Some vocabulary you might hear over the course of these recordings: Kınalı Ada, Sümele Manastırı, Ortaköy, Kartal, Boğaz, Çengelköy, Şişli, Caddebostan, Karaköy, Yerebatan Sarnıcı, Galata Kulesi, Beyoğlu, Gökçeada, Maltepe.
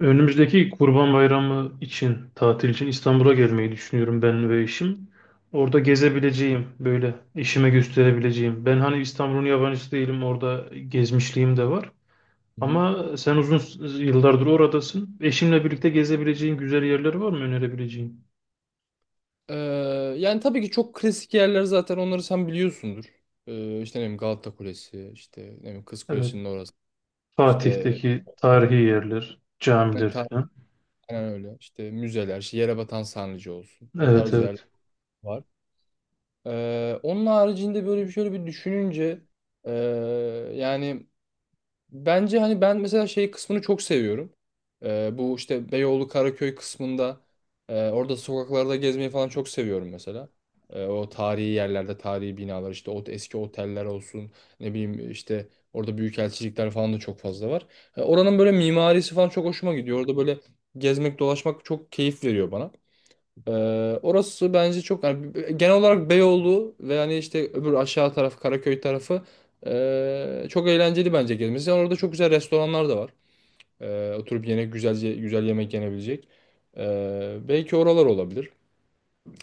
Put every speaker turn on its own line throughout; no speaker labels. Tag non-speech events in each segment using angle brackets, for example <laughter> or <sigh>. Önümüzdeki Kurban Bayramı için, tatil için İstanbul'a gelmeyi düşünüyorum ben ve eşim. Orada
Hı hı.
gezebileceğim, böyle eşime gösterebileceğim. Ben hani İstanbul'un yabancısı değilim, orada gezmişliğim de var.
Hı hı.
Ama sen yıllardır oradasın. Eşimle birlikte gezebileceğin güzel yerler var mı önerebileceğin?
Ee, yani tabii ki çok klasik yerler zaten onları sen biliyorsundur. İşte ne bileyim Galata Kulesi, işte ne bileyim Kız
Evet,
Kulesi'nin orası. İşte
Fatih'teki tarihi yerler,
yani
camiler falan.
aynen öyle. İşte müzeler, işte Yerebatan Sarnıcı olsun. O
Evet,
tarz yerler
evet,
var. Onun haricinde böyle bir şöyle bir düşününce e, yani bence hani ben mesela şey kısmını çok seviyorum. Bu işte Beyoğlu Karaköy kısmında, orada sokaklarda gezmeyi falan çok seviyorum mesela. O tarihi yerlerde tarihi binalar, işte o eski oteller olsun, ne bileyim, işte orada büyükelçilikler falan da çok fazla var. Oranın böyle mimarisi falan çok hoşuma gidiyor. Orada böyle gezmek dolaşmak çok keyif veriyor bana. Ee, orası bence çok, yani genel olarak Beyoğlu ve hani işte öbür aşağı taraf Karaköy tarafı çok eğlenceli bence gezmesi. Yani orada çok güzel restoranlar da var. Oturup yine güzelce güzel yemek yenebilecek. Belki oralar olabilir.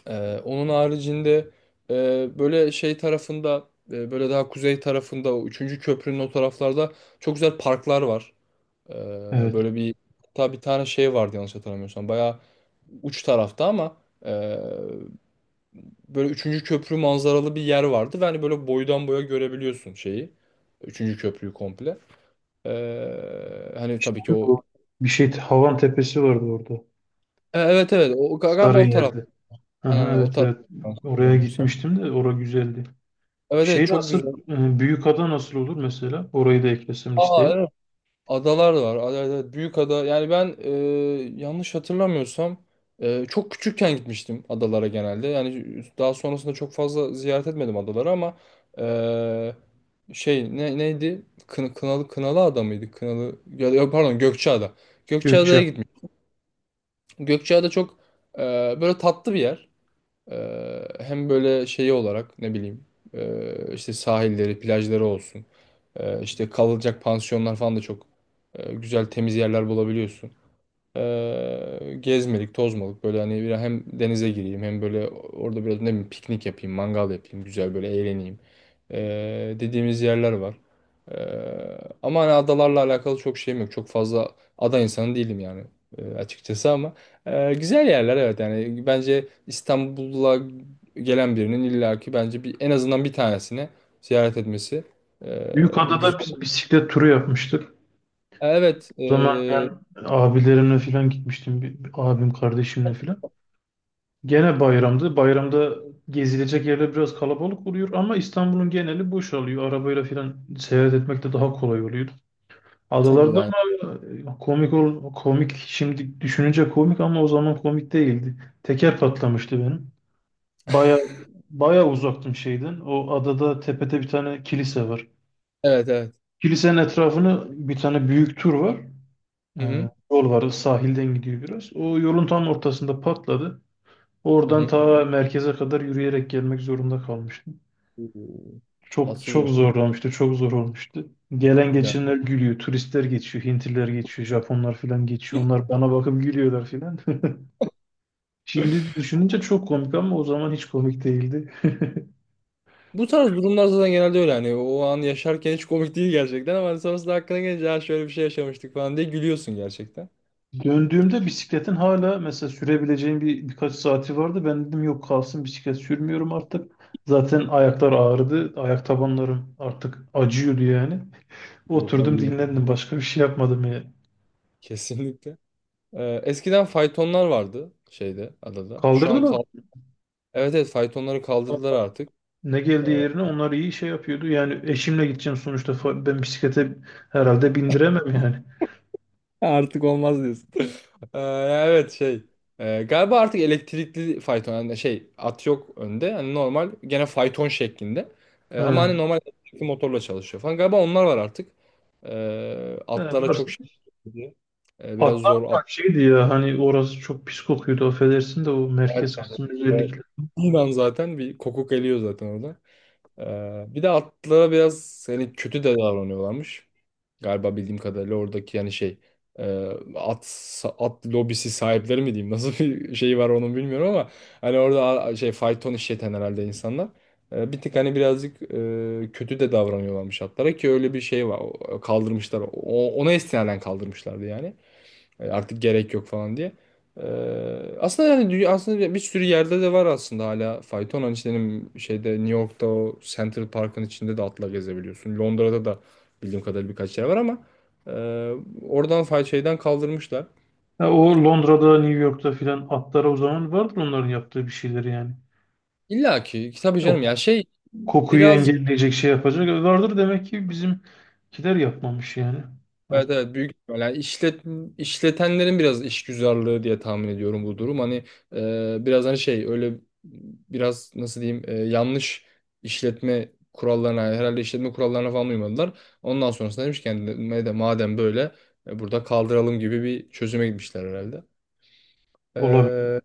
Onun haricinde, böyle şey tarafında, böyle daha kuzey tarafında, o 3. köprünün o taraflarda çok güzel parklar var. Ee,
evet.
böyle bir, hatta bir tane şey vardı yanlış hatırlamıyorsam. Bayağı uç tarafta ama böyle üçüncü köprü manzaralı bir yer vardı ve hani böyle boydan boya görebiliyorsun şeyi. Üçüncü köprüyü komple. Hani
İşte
tabii ki o.
bu. Bir şey, Havan Tepesi vardı orada.
Evet, evet, o galiba o taraf.
Sarıyer'de. Aha,
Aynen, o
evet
taraf,
evet.
yanlış
Oraya
hatırlamıyorsam.
gitmiştim de orası güzeldi.
Evet, evet,
Şey
çok güzel.
nasıl Büyükada nasıl olur mesela? Orayı da eklesem
Aa,
listeye.
evet. Adalar var. Büyük ada. Yani ben, yanlış hatırlamıyorsam, çok küçükken gitmiştim adalara genelde. Yani daha sonrasında çok fazla ziyaret etmedim adaları, ama e, şey, ne, neydi? Kınalı Ada mıydı? Kınalı ya, pardon, Gökçeada. Gökçeada'ya
Gökçe.
gitmiş. Gökçeada çok e, böyle tatlı bir yer. Hem böyle şeyi olarak ne bileyim, işte sahilleri, plajları olsun. İşte kalacak pansiyonlar falan da çok güzel temiz yerler bulabiliyorsun. Gezmelik, tozmalık, böyle hani bir, hem denize gireyim hem böyle orada biraz ne bileyim piknik yapayım, mangal yapayım, güzel böyle eğleneyim. Dediğimiz yerler var. Ee, ama hani adalarla alakalı çok şeyim yok. Çok fazla ada insanı değilim yani, açıkçası, ama güzel yerler, evet. Yani bence İstanbul'a gelen birinin illaki bence bir, en azından bir tanesini ziyaret etmesi e, güzel.
Büyükada'da biz bisiklet turu yapmıştık.
Evet.
O zaman
E,
ben abilerimle falan gitmiştim. Bir, bir abim kardeşimle falan. Gene bayramdı. Bayramda gezilecek yerler biraz kalabalık oluyor ama İstanbul'un geneli boşalıyor. Arabayla falan seyahat etmek de daha kolay oluyor.
tabii
Adalarda
yani.
ama komik şimdi düşününce komik ama o zaman komik değildi. Teker patlamıştı benim. Baya baya uzaktım şeyden. O adada tepede bir tane kilise var.
Evet, evet.
Kilisenin etrafını bir tane büyük tur var.
Hı hı.
Yol var sahilden gidiyor biraz. O yolun tam ortasında patladı.
Hı
Oradan
hı.
ta merkeze kadar yürüyerek gelmek zorunda kalmıştım.
Oo.
Çok
Tatsız
çok
oldu.
zorlamıştı, çok zor olmuştu. Gelen
Ya.
geçenler gülüyor, turistler geçiyor, Hintliler geçiyor, Japonlar falan geçiyor. Onlar bana bakıp gülüyorlar falan. <laughs> Şimdi
<laughs>
düşününce çok komik ama o zaman hiç komik değildi.
Bu tarz durumlar zaten genelde öyle, hani o an yaşarken hiç komik değil gerçekten, ama hani sonrasında hakkına gelince ha şöyle bir şey yaşamıştık falan diye gülüyorsun gerçekten.
Döndüğümde bisikletin hala mesela sürebileceğim bir birkaç saati vardı. Ben dedim yok kalsın bisiklet sürmüyorum artık. Zaten ayaklar ağrıdı. Ayak tabanlarım artık acıyordu yani.
Yok,
Oturdum
hayır.
dinlendim. Başka bir şey yapmadım ya.
Kesinlikle. Eskiden faytonlar vardı şeyde, adada. Şu an
Kaldırdılar.
evet, evet, faytonları kaldırdılar artık.
Ne geldiği yerine onlar iyi şey yapıyordu. Yani eşimle gideceğim sonuçta. Fa- Ben bisiklete herhalde bindiremem yani.
Artık olmaz diyorsun. <laughs> Ee, evet, şey. Galiba artık elektrikli fayton, yani şey, at yok önde. Hani normal gene fayton şeklinde. Ama
Ha.
hani normal elektrikli motorla çalışıyor falan. Galiba onlar var artık. Ee,
Evet,
atlara çok şey yapıyor. Biraz
atlar
zor
bak
atlar.
şeydi ya hani orası çok pis kokuyordu affedersin de o merkez kısmı özellikle.
Bundan <laughs> zaten bir kokuk geliyor zaten orada. Bir de atlara biraz hani kötü de davranıyorlarmış. Galiba bildiğim kadarıyla oradaki yani şey, e, at at lobisi sahipleri mi diyeyim, <laughs> nasıl bir şey var onu bilmiyorum, ama hani orada şey, fayton işleten herhalde insanlar. Bir tık hani birazcık kötü de davranıyorlarmış atlara, ki öyle bir şey var. Kaldırmışlar, ona istinaden kaldırmışlardı yani. Artık gerek yok falan diye. E, aslında yani dünya, aslında bir sürü yerde de var aslında hala fayton. Hani işte benim şeyde New York'ta o Central Park'ın içinde de atla gezebiliyorsun. Londra'da da bildiğim kadarıyla birkaç yer var, ama e, oradan şeyden kaldırmışlar.
Ha, o Londra'da, New York'ta filan atlara o zaman vardır onların yaptığı bir şeyler yani.
İlla ki tabii
O
canım, ya
k-
şey,
Kokuyu
biraz.
engelleyecek şey yapacak vardır demek ki bizimkiler yapmamış yani
Evet,
artık.
evet, büyük ihtimal. Yani işletenlerin biraz işgüzarlığı diye tahmin ediyorum bu durum. Hani biraz hani şey öyle, biraz nasıl diyeyim, yanlış işletme kurallarına, herhalde işletme kurallarına falan uymadılar. Ondan sonrasında demiş ki yani, madem böyle, burada kaldıralım gibi bir çözüme gitmişler herhalde. E,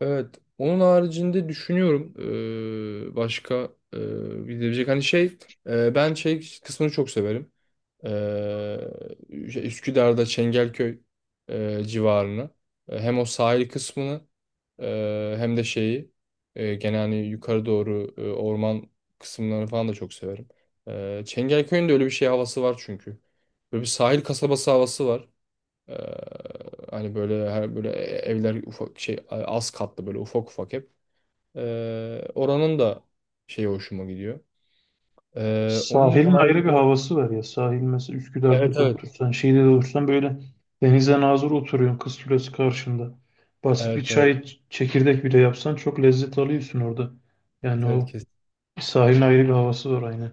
evet. Onun haricinde düşünüyorum, başka, e, gidebilecek hani şey, ben şey kısmını çok severim. Ee, şey, Üsküdar'da Çengelköy civarını, hem o sahil kısmını, hem de şeyi, gene hani yukarı doğru orman kısımlarını falan da çok severim. Çengelköy'ün de öyle bir şey havası var çünkü. Böyle bir sahil kasabası havası var. E, hani böyle her, böyle evler ufak şey, az katlı, böyle ufak ufak hep. E, oranın da şeyi hoşuma gidiyor. Onun
Sahilin
harici.
ayrı bir havası var ya. Sahil mesela
Evet,
Üsküdar'da da
evet,
otursan, şeyde de otursan böyle denize nazır oturuyorsun kız kulesi karşında. Basit bir
evet, evet,
çekirdek bile yapsan çok lezzet alıyorsun orada. Yani o
evet.
sahilin ayrı bir havası var aynen.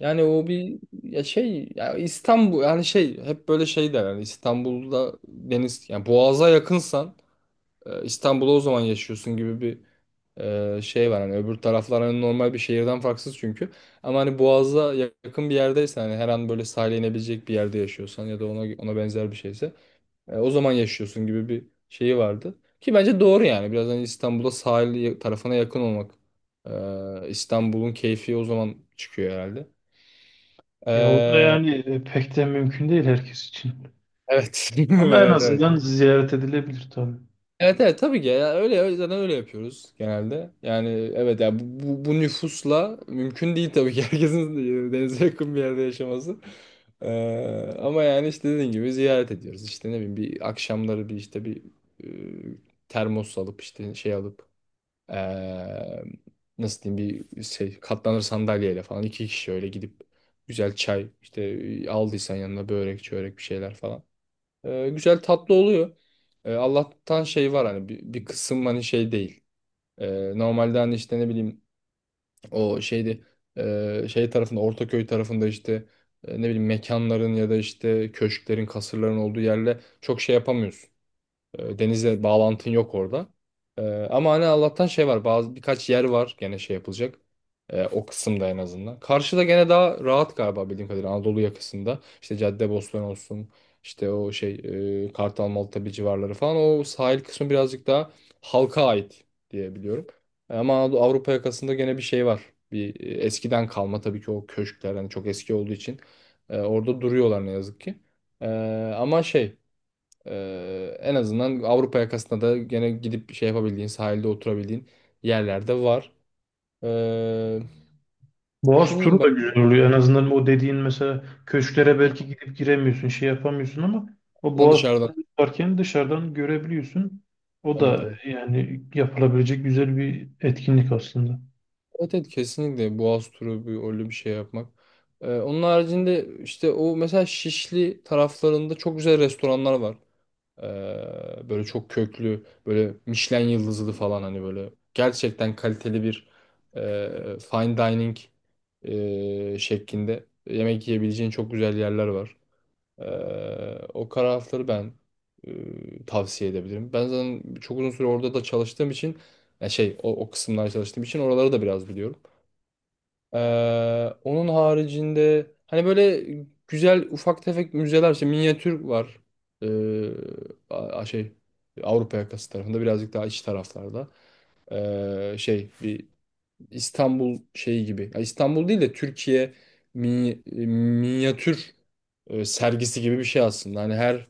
Yani o bir, ya şey, ya İstanbul, yani şey hep böyle şey der yani, İstanbul'da deniz, yani Boğaz'a yakınsan, İstanbul'da o zaman yaşıyorsun gibi bir şey var. Hani öbür taraflar hani normal bir şehirden farksız çünkü, ama hani Boğaz'a yakın bir yerdeysen, hani her an böyle sahile inebilecek bir yerde yaşıyorsan ya da ona benzer bir şeyse, o zaman yaşıyorsun gibi bir şeyi vardı ki bence doğru. Yani biraz hani İstanbul'da sahil tarafına yakın olmak, İstanbul'un keyfi o zaman çıkıyor herhalde.
Ya o da
Ee,
yani pek de mümkün değil herkes için.
Evet. <laughs>
Ama en
Evet, evet.
azından ziyaret edilebilir tabii.
Evet, evet, tabii ki ya, zaten öyle yapıyoruz genelde. Yani evet ya, bu nüfusla mümkün değil tabii ki, <laughs> herkesin denize yakın bir yerde yaşaması. Ama yani işte dediğin gibi ziyaret ediyoruz. İşte ne bileyim, bir akşamları, bir işte bir e, termos alıp, işte şey alıp, e, nasıl diyeyim, bir şey, katlanır sandalyeyle falan iki kişi öyle gidip, güzel çay, işte aldıysan yanına börek çörek bir şeyler falan. Güzel tatlı oluyor. Allah'tan şey var, hani bir kısım hani şey değil. Normalde hani işte ne bileyim o şeydi, şey tarafında, Ortaköy tarafında, işte ne bileyim mekanların ya da işte köşklerin, kasırların olduğu yerle çok şey yapamıyorsun. Denizle bağlantın yok orada. E, ama hani Allah'tan şey var. Bazı birkaç yer var gene şey yapılacak. O kısımda en azından. Karşıda gene daha rahat galiba, bildiğim kadarıyla Anadolu yakasında. İşte Caddebostan olsun, işte o şey, Kartal, Maltepe civarları falan. O sahil kısmı birazcık daha halka ait diye biliyorum. Ama Avrupa yakasında gene bir şey var. Bir eskiden kalma tabii ki o köşkler, hani çok eski olduğu için orada duruyorlar ne yazık ki. E, ama şey, en azından Avrupa yakasında da gene gidip şey yapabildiğin, sahilde oturabildiğin yerlerde var. Ee,
Boğaz
düşüneyim
turu da
bak.
güzel oluyor. En azından o dediğin mesela köşklere belki gidip giremiyorsun, şey yapamıyorsun ama o
Dışarıdan.
Boğaz
Dışarıdan.
turu varken dışarıdan görebiliyorsun. O
Evet,
da
evet.
yani yapılabilecek güzel bir etkinlik aslında.
Evet, evet, kesinlikle Boğaz turu, bir, öyle bir şey yapmak. Onun haricinde işte o mesela Şişli taraflarında çok güzel restoranlar var. Ee, böyle çok köklü, böyle Michelin yıldızlı falan, hani böyle gerçekten kaliteli bir fine dining şeklinde yemek yiyebileceğin çok güzel yerler var. Ee, o tarafları ben tavsiye edebilirim. Ben zaten çok uzun süre orada da çalıştığım için, yani şey o kısımlarda çalıştığım için oraları da biraz biliyorum. Onun haricinde hani böyle güzel ufak tefek müzeler, işte minyatür var. Ee, şey, Avrupa yakası tarafında birazcık daha iç taraflarda. Şey, bir İstanbul şeyi gibi. Ya İstanbul değil de Türkiye minyatür sergisi gibi bir şey aslında. Hani her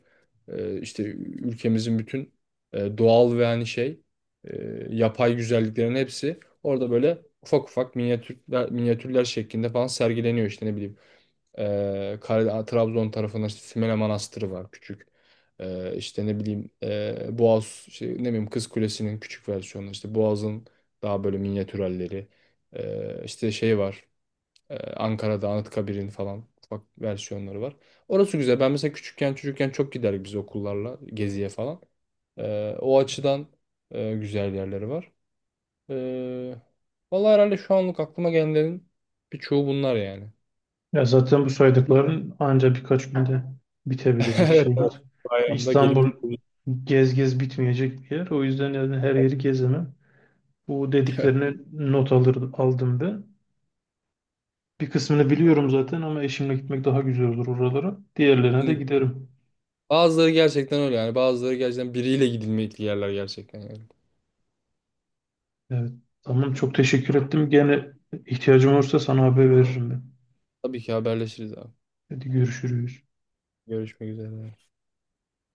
işte ülkemizin bütün doğal ve hani şey e, yapay güzelliklerin hepsi orada böyle ufak ufak minyatürler şeklinde falan sergileniyor, işte ne bileyim. Trabzon tarafında işte Sümele Manastırı var, küçük. İşte ne bileyim, Boğaz şey, ne bileyim Kız Kulesi'nin küçük versiyonu, işte Boğaz'ın daha böyle minyatür halleri. İşte şey var, Ankara'da Anıtkabir'in falan ufak versiyonları var. Orası güzel. Ben mesela küçükken, çocukken çok giderdik biz okullarla geziye falan. O açıdan güzel yerleri var. Ee, vallahi herhalde şu anlık aklıma gelenlerin birçoğu bunlar yani.
Ya zaten bu saydıkların ancak birkaç günde bitebilecek
<laughs> Evet, evet.
şeyler.
Bayramda gelip.
İstanbul
<laughs>
gez gez bitmeyecek bir yer. O yüzden yani her yeri gezemem. Bu
Evet.
dediklerine not alır, aldım ben. Bir kısmını biliyorum zaten ama eşimle gitmek daha güzel olur oralara. Diğerlerine de
Şimdi.
giderim.
Bazıları gerçekten öyle yani. Bazıları gerçekten biriyle gidilmekli yerler gerçekten yani.
Evet. Tamam çok teşekkür ettim. Gene ihtiyacım olursa sana haber veririm ben.
Tabii ki haberleşiriz abi.
Hadi görüşürüz.
Görüşmek üzere.